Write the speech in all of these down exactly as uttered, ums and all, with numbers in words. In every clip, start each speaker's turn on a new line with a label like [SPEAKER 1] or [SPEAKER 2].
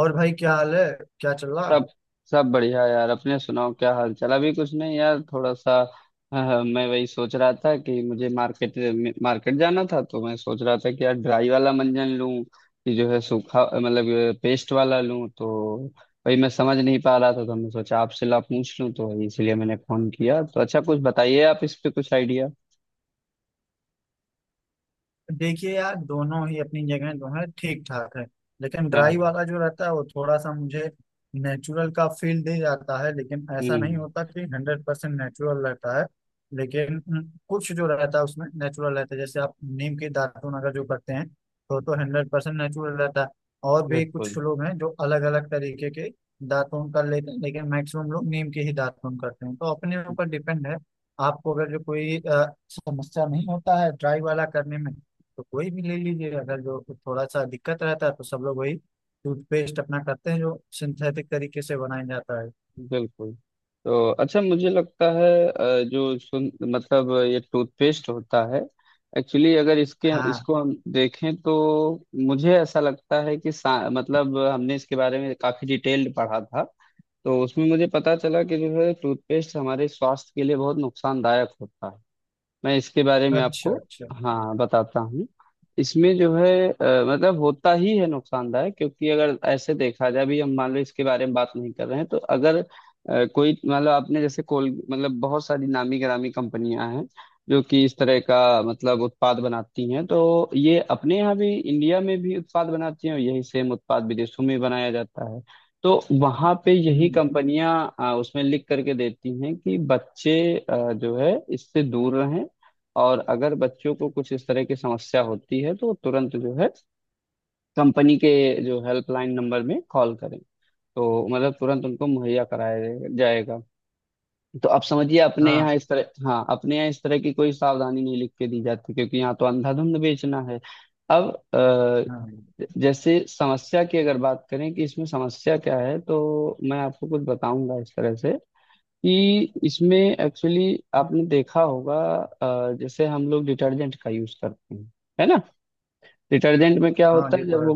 [SPEAKER 1] और भाई, क्या हाल है? क्या चल रहा?
[SPEAKER 2] सब सब बढ़िया यार। अपने सुनाओ, क्या हाल चाल? अभी कुछ नहीं यार, थोड़ा सा। हाँ, मैं वही सोच रहा था कि मुझे मार्केट मार्केट जाना था, तो मैं सोच रहा था कि यार ड्राई वाला मंजन लूं कि जो है सूखा, मतलब पेस्ट वाला लूं। तो वही मैं समझ नहीं पा रहा था, तो मैं सोचा आपसे ला पूछ लूं, तो वही इसलिए मैंने फोन किया। तो अच्छा, कुछ बताइए आप इस पे कुछ आइडिया
[SPEAKER 1] देखिए यार, दोनों ही अपनी जगह दोनों ठीक ठाक है। लेकिन ड्राई
[SPEAKER 2] है।
[SPEAKER 1] वाला जो रहता है वो थोड़ा सा मुझे नेचुरल का फील दे जाता है। लेकिन ऐसा नहीं
[SPEAKER 2] हम्म।
[SPEAKER 1] होता कि हंड्रेड परसेंट नेचुरल रहता है। लेकिन हम्म, कुछ जो रहता है उसमें नेचुरल रहता है। जैसे आप नीम के दातुन अगर जो करते हैं तो तो हंड्रेड परसेंट नेचुरल रहता है। और भी कुछ
[SPEAKER 2] बिल्कुल,
[SPEAKER 1] लोग हैं जो अलग अलग तरीके के दातुन कर लेते हैं, लेकिन मैक्सिमम लोग नीम के ही दातुन करते हैं तो अपने ऊपर डिपेंड है। आपको अगर जो कोई अ, समस्या नहीं होता है ड्राई वाला करने में तो कोई भी ले लीजिए। अगर जो थोड़ा सा दिक्कत रहता है तो सब लोग वही टूथपेस्ट अपना करते हैं जो सिंथेटिक तरीके से बनाया जाता है।
[SPEAKER 2] बिल्कुल। तो अच्छा, मुझे लगता है अ, जो सुन मतलब ये टूथपेस्ट होता है। एक्चुअली अगर इसके
[SPEAKER 1] हाँ।
[SPEAKER 2] इसको हम देखें तो मुझे ऐसा लगता है कि सा- मतलब हमने इसके बारे में काफी डिटेल्ड पढ़ा था। तो उसमें मुझे पता चला कि जो है टूथपेस्ट हमारे स्वास्थ्य के लिए बहुत नुकसानदायक होता है। मैं इसके बारे में
[SPEAKER 1] अच्छा
[SPEAKER 2] आपको
[SPEAKER 1] अच्छा।
[SPEAKER 2] हाँ बताता हूँ। इसमें जो है अ, मतलब होता ही है नुकसानदायक, क्योंकि अगर ऐसे देखा जाए, अभी हम मान लो इसके बारे में बात नहीं कर रहे हैं, तो अगर अ, कोई मतलब आपने जैसे कोल मतलब बहुत सारी नामी गिरामी कंपनियां हैं जो कि इस तरह का मतलब उत्पाद बनाती हैं। तो ये अपने यहाँ भी इंडिया में भी उत्पाद बनाती हैं, और यही सेम उत्पाद विदेशों में बनाया जाता है। तो वहां पे यही
[SPEAKER 1] हम्म।
[SPEAKER 2] कंपनियां अ, उसमें लिख करके देती हैं कि बच्चे अ, जो है इससे दूर रहें। और अगर बच्चों को कुछ इस तरह की समस्या होती है, तो तुरंत जो है कंपनी के जो हेल्पलाइन नंबर में कॉल करें, तो मतलब तुरंत उनको मुहैया कराया जाए- जाएगा। तो आप समझिए अपने
[SPEAKER 1] हाँ।
[SPEAKER 2] यहाँ इस तरह, हाँ, अपने यहाँ इस तरह की कोई सावधानी नहीं लिख के दी जाती, क्योंकि यहाँ तो अंधाधुंध बेचना है। अब
[SPEAKER 1] हाँ।
[SPEAKER 2] अ, जैसे समस्या की अगर बात करें कि इसमें समस्या क्या है, तो मैं आपको कुछ बताऊंगा इस तरह से कि इसमें एक्चुअली आपने देखा होगा अ, जैसे हम लोग डिटर्जेंट का यूज करते हैं, है ना। डिटर्जेंट में क्या
[SPEAKER 1] हाँ,
[SPEAKER 2] होता
[SPEAKER 1] ये
[SPEAKER 2] है जब
[SPEAKER 1] तो है।
[SPEAKER 2] वो,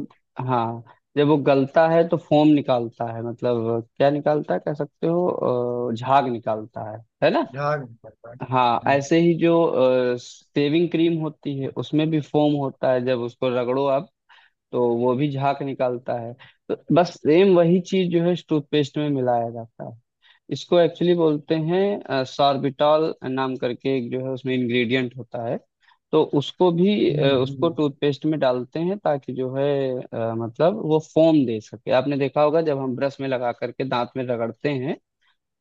[SPEAKER 2] हाँ, जब वो गलता है तो फोम निकालता है, मतलब क्या निकालता है कह सकते हो, अ, झाग निकालता है है ना।
[SPEAKER 1] झाग नहीं पड़ता है।
[SPEAKER 2] हाँ, ऐसे
[SPEAKER 1] हम्म।
[SPEAKER 2] ही जो शेविंग क्रीम होती है उसमें भी फोम होता है, जब उसको रगड़ो आप तो वो भी झाग निकालता है। तो बस सेम वही चीज जो है टूथपेस्ट में मिलाया जाता है। इसको एक्चुअली बोलते हैं सार्बिटॉल नाम करके, एक जो है उसमें इंग्रेडिएंट होता है। तो उसको भी अ,
[SPEAKER 1] हम्म,
[SPEAKER 2] उसको
[SPEAKER 1] हम्म।
[SPEAKER 2] टूथपेस्ट में डालते हैं ताकि जो है अ, मतलब वो फोम दे सके। आपने देखा होगा जब हम ब्रश में लगा करके दांत में रगड़ते हैं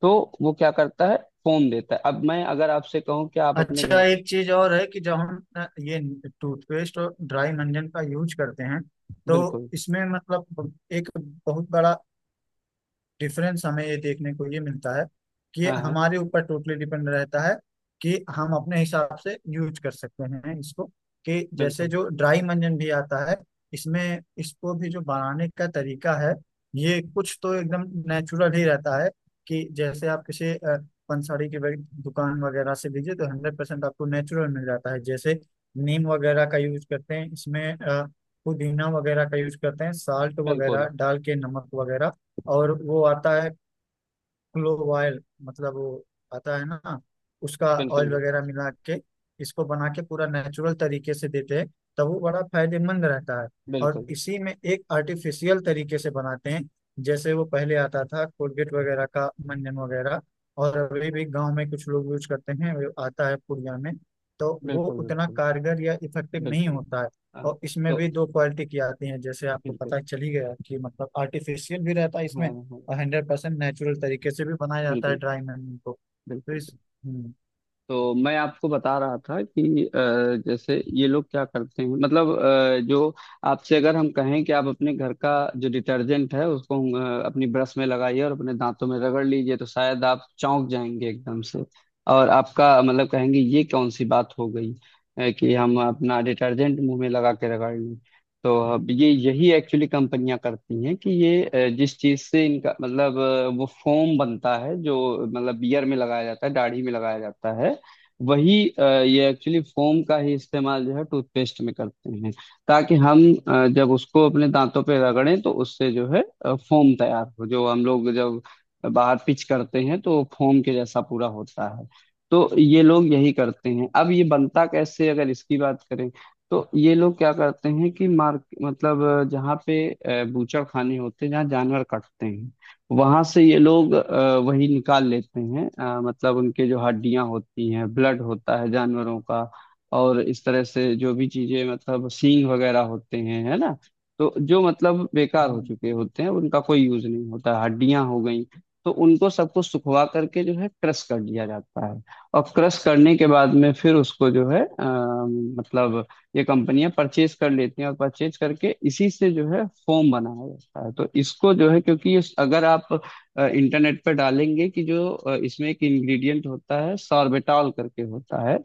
[SPEAKER 2] तो वो क्या करता है, फोम देता है। अब मैं अगर आपसे कहूँ कि आप अपने
[SPEAKER 1] अच्छा,
[SPEAKER 2] घर के,
[SPEAKER 1] एक चीज और है कि जब हम अ, ये टूथपेस्ट और ड्राई मंजन का यूज करते हैं, तो
[SPEAKER 2] बिल्कुल,
[SPEAKER 1] इसमें मतलब एक बहुत बड़ा डिफरेंस हमें ये देखने को ये मिलता है कि
[SPEAKER 2] हाँ हाँ,
[SPEAKER 1] हमारे ऊपर टोटली डिपेंड रहता है। कि हम अपने हिसाब से यूज कर सकते हैं इसको। कि जैसे
[SPEAKER 2] बिल्कुल,
[SPEAKER 1] जो ड्राई मंजन भी आता है, इसमें इसको भी जो बनाने का तरीका है, ये कुछ तो एकदम नेचुरल ही रहता है। कि जैसे आप किसी अ, पंसारी की वग- दुकान वगैरह से लीजिए तो हंड्रेड परसेंट आपको नेचुरल मिल जाता है। जैसे नीम वगैरह का यूज करते हैं इसमें, अ, पुदीना वगैरह का यूज करते हैं, साल्ट
[SPEAKER 2] बिल्कुल,
[SPEAKER 1] वगैरह डाल के, नमक वगैरह। और वो आता है क्लोव ऑयल, मतलब वो आता है ना, उसका
[SPEAKER 2] बिल्कुल,
[SPEAKER 1] ऑयल वगैरह मिला के इसको बना के पूरा नेचुरल तरीके से देते हैं, तब वो बड़ा फायदेमंद रहता है। और
[SPEAKER 2] बिल्कुल, बिल्कुल,
[SPEAKER 1] इसी में एक आर्टिफिशियल तरीके से बनाते हैं, जैसे वो पहले आता था कोलगेट वगैरह का मंजन वगैरह, और अभी भी गांव में कुछ लोग यूज करते हैं, वो आता है पुड़िया में, तो वो
[SPEAKER 2] बिल्कुल,
[SPEAKER 1] उतना
[SPEAKER 2] बिल्कुल,
[SPEAKER 1] कारगर या इफेक्टिव नहीं
[SPEAKER 2] बिल्कुल,
[SPEAKER 1] होता है।
[SPEAKER 2] हाँ,
[SPEAKER 1] और इसमें
[SPEAKER 2] तो
[SPEAKER 1] भी दो क्वालिटी की आती है, जैसे आपको पता
[SPEAKER 2] बिल्कुल,
[SPEAKER 1] चल ही गया कि मतलब आर्टिफिशियल भी रहता है
[SPEAKER 2] हाँ
[SPEAKER 1] इसमें,
[SPEAKER 2] हाँ,
[SPEAKER 1] और हंड्रेड परसेंट नेचुरल तरीके से भी बनाया जाता है
[SPEAKER 2] बिल्कुल,
[SPEAKER 1] ड्राई मेमोरी को। तो
[SPEAKER 2] बिल्कुल।
[SPEAKER 1] इस हम्म,
[SPEAKER 2] तो मैं आपको बता रहा था कि अ, जैसे ये लोग क्या करते हैं, मतलब अ, जो आपसे अगर हम कहें कि आप अपने घर का जो डिटर्जेंट है उसको अ, अपनी ब्रश में लगाइए और अपने दांतों में रगड़ लीजिए, तो शायद आप चौंक जाएंगे एकदम से। और आपका मतलब कहेंगे ये कौन सी बात हो गई अ, कि हम अपना डिटर्जेंट मुंह में लगा के रगड़ लें। तो अब ये यही एक्चुअली कंपनियां करती हैं कि ये अ, जिस चीज से इनका मतलब अ, वो फोम बनता है, जो मतलब बियर में लगाया जाता है, दाढ़ी में लगाया जाता है, वही अ, ये एक्चुअली फोम का ही इस्तेमाल जो है टूथपेस्ट में करते हैं, ताकि हम अ, जब उसको अपने दांतों पे रगड़ें तो उससे जो है अ, फोम तैयार हो, जो हम लोग जब बाहर पिच करते हैं तो फोम के जैसा पूरा होता है। तो ये लोग यही करते हैं। अब ये बनता कैसे अगर इसकी बात करें, तो ये लोग क्या करते हैं कि मार्क मतलब अ, जहाँ पे अ, बूचड़खाने होते हैं जहाँ जानवर कटते हैं, वहां से ये लोग अ, वही निकाल लेते हैं, अ, मतलब उनके जो हड्डियां होती हैं, ब्लड होता है जानवरों का, और इस तरह से जो भी चीजें मतलब सींग वगैरह होते हैं, है ना। तो जो मतलब बेकार हो
[SPEAKER 1] हम्म।
[SPEAKER 2] चुके होते हैं, उनका कोई यूज नहीं होता है, हड्डियां हो गई। तो उनको सबको सुखवा करके जो है क्रश कर दिया जाता है। और क्रश करने के बाद में फिर उसको जो है अ, मतलब ये कंपनियां परचेज कर लेती हैं, और परचेज करके इसी से जो है फोम बनाया जाता है। तो इसको जो है, क्योंकि इस- अगर आप अ, इंटरनेट पर डालेंगे कि जो अ, इसमें एक इंग्रेडिएंट होता है सॉर्बिटॉल करके होता है,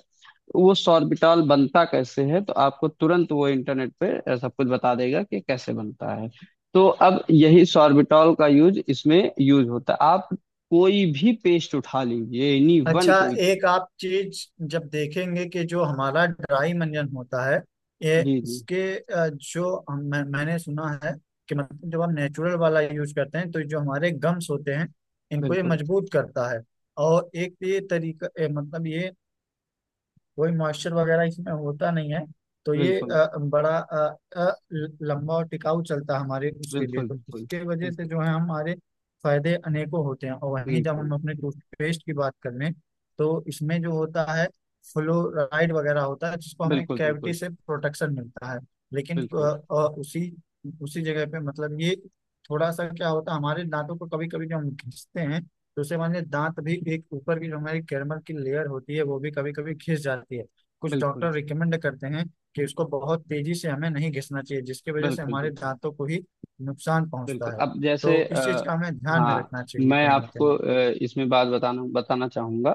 [SPEAKER 2] वो सॉर्बिटॉल बनता कैसे है, तो आपको तुरंत वो इंटरनेट पे अ, सब कुछ बता देगा कि कैसे बनता है। तो अब यही सॉर्बिटॉल का यूज इसमें यूज होता है। आप कोई भी पेस्ट उठा लीजिए, एनी वन,
[SPEAKER 1] अच्छा,
[SPEAKER 2] कोई।
[SPEAKER 1] एक आप चीज जब देखेंगे कि जो हमारा ड्राई मंजन होता है, ये
[SPEAKER 2] जी जी।
[SPEAKER 1] इसके अ, जो हम- मैं, मैंने सुना है कि मतलब जब हम नेचुरल वाला यूज करते हैं तो जो हमारे गम्स होते हैं, इनको ये
[SPEAKER 2] बिल्कुल,
[SPEAKER 1] मजबूत करता है। और एक ये तरीका ए, मतलब ये, कोई मॉइस्चर वगैरह इसमें होता नहीं है। तो ये
[SPEAKER 2] बिल्कुल,
[SPEAKER 1] अ, बड़ा अ, अ, ल- लंबा और टिकाऊ चलता है हमारे उसके लिए,
[SPEAKER 2] बिल्कुल,
[SPEAKER 1] तो
[SPEAKER 2] बिल्कुल,
[SPEAKER 1] इसके वजह से
[SPEAKER 2] बिल्कुल,
[SPEAKER 1] जो है हमारे फायदे अनेकों होते हैं। और वहीं जब हम
[SPEAKER 2] बिल्कुल,
[SPEAKER 1] अपने टूथपेस्ट की बात कर लें तो इसमें जो होता है फ्लोराइड वगैरह होता है, जिसको हमें
[SPEAKER 2] बिल्कुल,
[SPEAKER 1] कैविटी
[SPEAKER 2] बिल्कुल,
[SPEAKER 1] से प्रोटेक्शन मिलता है। लेकिन अ,
[SPEAKER 2] बिल्कुल,
[SPEAKER 1] अ, उसी उसी जगह पे मतलब ये थोड़ा सा क्या होता है, हमारे दांतों को कभी कभी जब हम घिसते हैं, दूसरे मामले दांत भी, एक ऊपर की जो हमारी कैरमल की लेयर होती है वो भी कभी कभी घिस जाती है। कुछ
[SPEAKER 2] बिल्कुल,
[SPEAKER 1] डॉक्टर रिकमेंड करते हैं कि उसको बहुत तेजी से हमें नहीं घिसना चाहिए, जिसकी वजह से
[SPEAKER 2] बिल्कुल,
[SPEAKER 1] हमारे
[SPEAKER 2] बिल्कुल,
[SPEAKER 1] दांतों को ही नुकसान पहुंचता
[SPEAKER 2] बिल्कुल।
[SPEAKER 1] है।
[SPEAKER 2] अब जैसे
[SPEAKER 1] तो इस चीज
[SPEAKER 2] आ,
[SPEAKER 1] का हमें ध्यान में
[SPEAKER 2] हाँ,
[SPEAKER 1] रखना चाहिए
[SPEAKER 2] मैं
[SPEAKER 1] कहीं ना
[SPEAKER 2] आपको
[SPEAKER 1] कहीं।
[SPEAKER 2] अ, इसमें बात बताना बताना चाहूंगा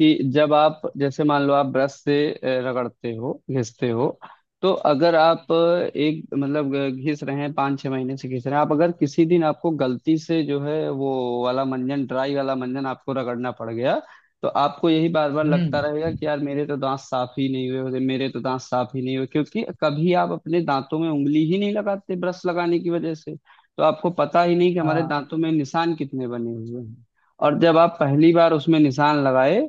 [SPEAKER 2] कि जब आप जैसे मान लो आप ब्रश से अ, रगड़ते हो, घिसते हो, तो अगर आप अ, एक मतलब अ, घिस रहे हैं, पाँच छः महीने से घिस रहे हैं, आप अगर किसी दिन आपको गलती से जो है वो वाला मंजन, ड्राई वाला मंजन आपको रगड़ना पड़ गया, तो आपको यही बार बार लगता रहेगा
[SPEAKER 1] हम्म।
[SPEAKER 2] कि यार मेरे तो दांत साफ ही नहीं हुए होते, मेरे तो दांत साफ ही नहीं हुए, क्योंकि कभी आप अपने दांतों में उंगली ही नहीं लगाते ब्रश लगाने की वजह से। तो आपको पता ही नहीं कि हमारे
[SPEAKER 1] हाँ।
[SPEAKER 2] दांतों में निशान कितने बने हुए हैं। और जब आप पहली बार उसमें निशान लगाए,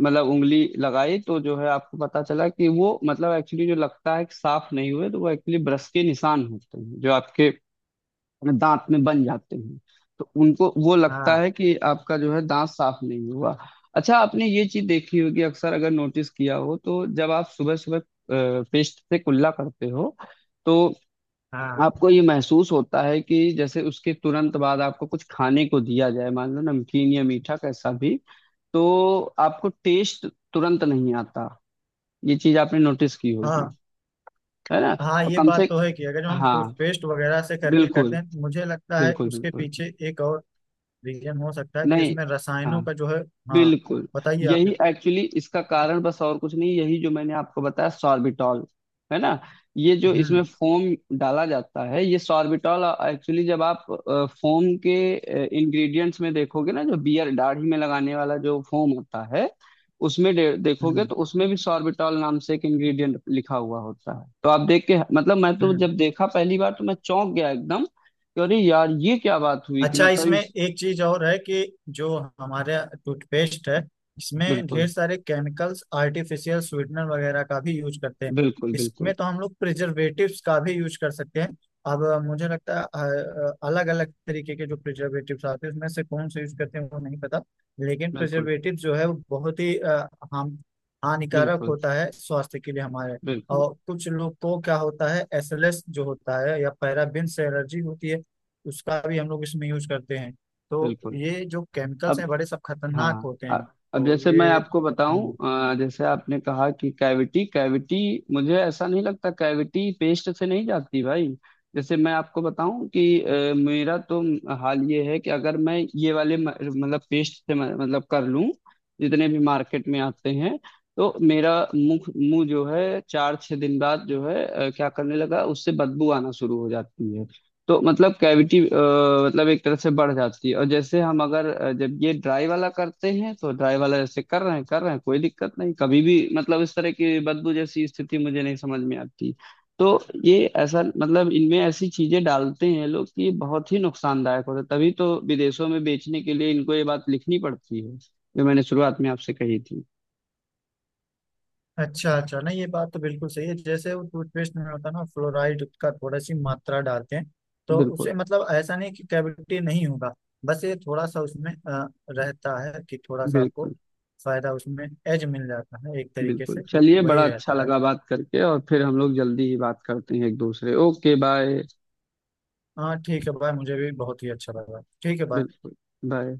[SPEAKER 2] मतलब उंगली लगाई, तो जो है आपको पता चला कि वो मतलब एक्चुअली जो लगता है कि साफ नहीं हुए, तो वो एक्चुअली ब्रश के निशान होते हैं जो आपके दांत में बन जाते हैं। तो उनको वो लगता
[SPEAKER 1] हाँ।
[SPEAKER 2] है कि आपका जो है दांत साफ नहीं हुआ। अच्छा, आपने ये चीज देखी होगी, अक्सर अगर नोटिस किया हो, तो जब आप सुबह सुबह पेस्ट से कुल्ला करते हो, तो
[SPEAKER 1] हाँ।
[SPEAKER 2] आपको ये महसूस होता है कि जैसे उसके तुरंत बाद आपको नमकीन, कुछ खाने को दिया जाए, मान लो नमकीन या मीठा कैसा भी, तो आपको टेस्ट तुरंत नहीं आता। ये चीज आपने नोटिस की होगी,
[SPEAKER 1] हाँ।
[SPEAKER 2] है ना।
[SPEAKER 1] हाँ,
[SPEAKER 2] और
[SPEAKER 1] ये
[SPEAKER 2] कम
[SPEAKER 1] बात
[SPEAKER 2] से,
[SPEAKER 1] तो है कि अगर जो हम
[SPEAKER 2] हाँ,
[SPEAKER 1] टूथपेस्ट वगैरह से करके करते
[SPEAKER 2] बिल्कुल,
[SPEAKER 1] हैं, मुझे लगता है
[SPEAKER 2] बिल्कुल,
[SPEAKER 1] उसके
[SPEAKER 2] बिल्कुल,
[SPEAKER 1] पीछे एक और रीजन हो सकता है कि
[SPEAKER 2] नहीं,
[SPEAKER 1] उसमें रसायनों
[SPEAKER 2] हाँ,
[SPEAKER 1] का जो है। हाँ।
[SPEAKER 2] बिल्कुल।
[SPEAKER 1] बताइए आप।
[SPEAKER 2] यही एक्चुअली इसका कारण, बस और कुछ नहीं, यही जो मैंने आपको बताया, सॉर्बिटॉल, है ना। ये जो इसमें
[SPEAKER 1] हम्म।
[SPEAKER 2] फोम डाला जाता है, ये सॉर्बिटॉल एक्चुअली जब आप फोम के इंग्रेडिएंट्स में देखोगे ना, जो बियर दाढ़ी में लगाने वाला जो फोम होता है उसमें दे, देखोगे
[SPEAKER 1] हम्म।
[SPEAKER 2] तो उसमें भी सॉर्बिटॉल नाम से एक इंग्रेडिएंट लिखा हुआ होता है। तो आप देख के मतलब, मैं तो
[SPEAKER 1] हम्म।
[SPEAKER 2] जब देखा पहली बार, तो मैं चौंक गया एकदम कि अरे यार ये क्या बात हुई कि
[SPEAKER 1] अच्छा,
[SPEAKER 2] मतलब
[SPEAKER 1] इसमें
[SPEAKER 2] इस,
[SPEAKER 1] एक चीज और है कि जो हमारे टूथपेस्ट है, इसमें
[SPEAKER 2] बिल्कुल,
[SPEAKER 1] ढेर सारे केमिकल्स, आर्टिफिशियल स्वीटनर वगैरह का भी यूज करते हैं।
[SPEAKER 2] बिल्कुल,
[SPEAKER 1] इसमें
[SPEAKER 2] बिल्कुल,
[SPEAKER 1] तो हम लोग प्रिजर्वेटिव्स का भी यूज कर सकते हैं। अब मुझे लगता है अलग अलग तरीके के जो प्रिजर्वेटिव्स आते हैं उसमें से कौन से यूज करते हैं वो नहीं पता। लेकिन
[SPEAKER 2] बिल्कुल,
[SPEAKER 1] प्रिजर्वेटिव जो है वो बहुत ही अ, हार्म, हानिकारक
[SPEAKER 2] बिल्कुल,
[SPEAKER 1] होता है स्वास्थ्य के लिए हमारे।
[SPEAKER 2] बिल्कुल,
[SPEAKER 1] और कुछ लोग को क्या होता है एस एल एस जो होता है, या पैराबिन एलर्जी होती है, उसका भी हम लोग इसमें यूज करते हैं। तो
[SPEAKER 2] बिल्कुल।
[SPEAKER 1] ये जो केमिकल्स
[SPEAKER 2] अब,
[SPEAKER 1] हैं बड़े सब खतरनाक
[SPEAKER 2] हाँ,
[SPEAKER 1] होते
[SPEAKER 2] अ-
[SPEAKER 1] हैं।
[SPEAKER 2] अब
[SPEAKER 1] तो
[SPEAKER 2] जैसे मैं
[SPEAKER 1] ये
[SPEAKER 2] आपको बताऊं,
[SPEAKER 1] हम्म,
[SPEAKER 2] अ, जैसे आपने कहा कि कैविटी कैविटी, मुझे ऐसा नहीं लगता, कैविटी पेस्ट से नहीं जाती भाई। जैसे मैं आपको बताऊं कि अ, मेरा तो हाल ये है कि अगर मैं ये वाले म- मतलब पेस्ट से म- मतलब कर लूं, जितने भी मार्केट में आते हैं, तो मेरा मुख मुंह जो है चार छह दिन बाद जो है अ, क्या करने लगा, उससे बदबू आना शुरू हो जाती है। तो मतलब कैविटी मतलब एक तरह से बढ़ जाती है। और जैसे हम अगर अ, जब ये ड्राई वाला करते हैं, तो ड्राई वाला जैसे कर रहे हैं कर रहे हैं, कोई दिक्कत नहीं कभी भी, मतलब इस तरह की बदबू जैसी स्थिति मुझे नहीं समझ में आती। तो ये ऐसा, मतलब इनमें ऐसी चीजें डालते हैं लोग कि ये बहुत ही नुकसानदायक होता है, तभी तो विदेशों में बेचने के लिए इनको ये बात लिखनी पड़ती है, जो मैंने शुरुआत में आपसे कही थी।
[SPEAKER 1] अच्छा अच्छा। नहीं, ये बात तो बिल्कुल सही है। जैसे वो टूथपेस्ट में होता है ना, फ्लोराइड का थोड़ा सी मात्रा डालते हैं, तो
[SPEAKER 2] बिल्कुल,
[SPEAKER 1] उससे मतलब ऐसा नहीं कि कैविटी नहीं होगा। बस ये थोड़ा सा उसमें अ, रहता है कि थोड़ा सा आपको
[SPEAKER 2] बिल्कुल,
[SPEAKER 1] फायदा उसमें एज मिल जाता है एक तरीके
[SPEAKER 2] बिल्कुल,
[SPEAKER 1] से, तो
[SPEAKER 2] चलिए,
[SPEAKER 1] वही
[SPEAKER 2] बड़ा अच्छा
[SPEAKER 1] रहता है।
[SPEAKER 2] लगा बात करके, और फिर हम लोग जल्दी ही बात करते हैं एक दूसरे, ओके, बाय।
[SPEAKER 1] हाँ, ठीक है भाई, मुझे भी बहुत ही अच्छा लगा। ठीक है भाई।
[SPEAKER 2] बिल्कुल। बाय।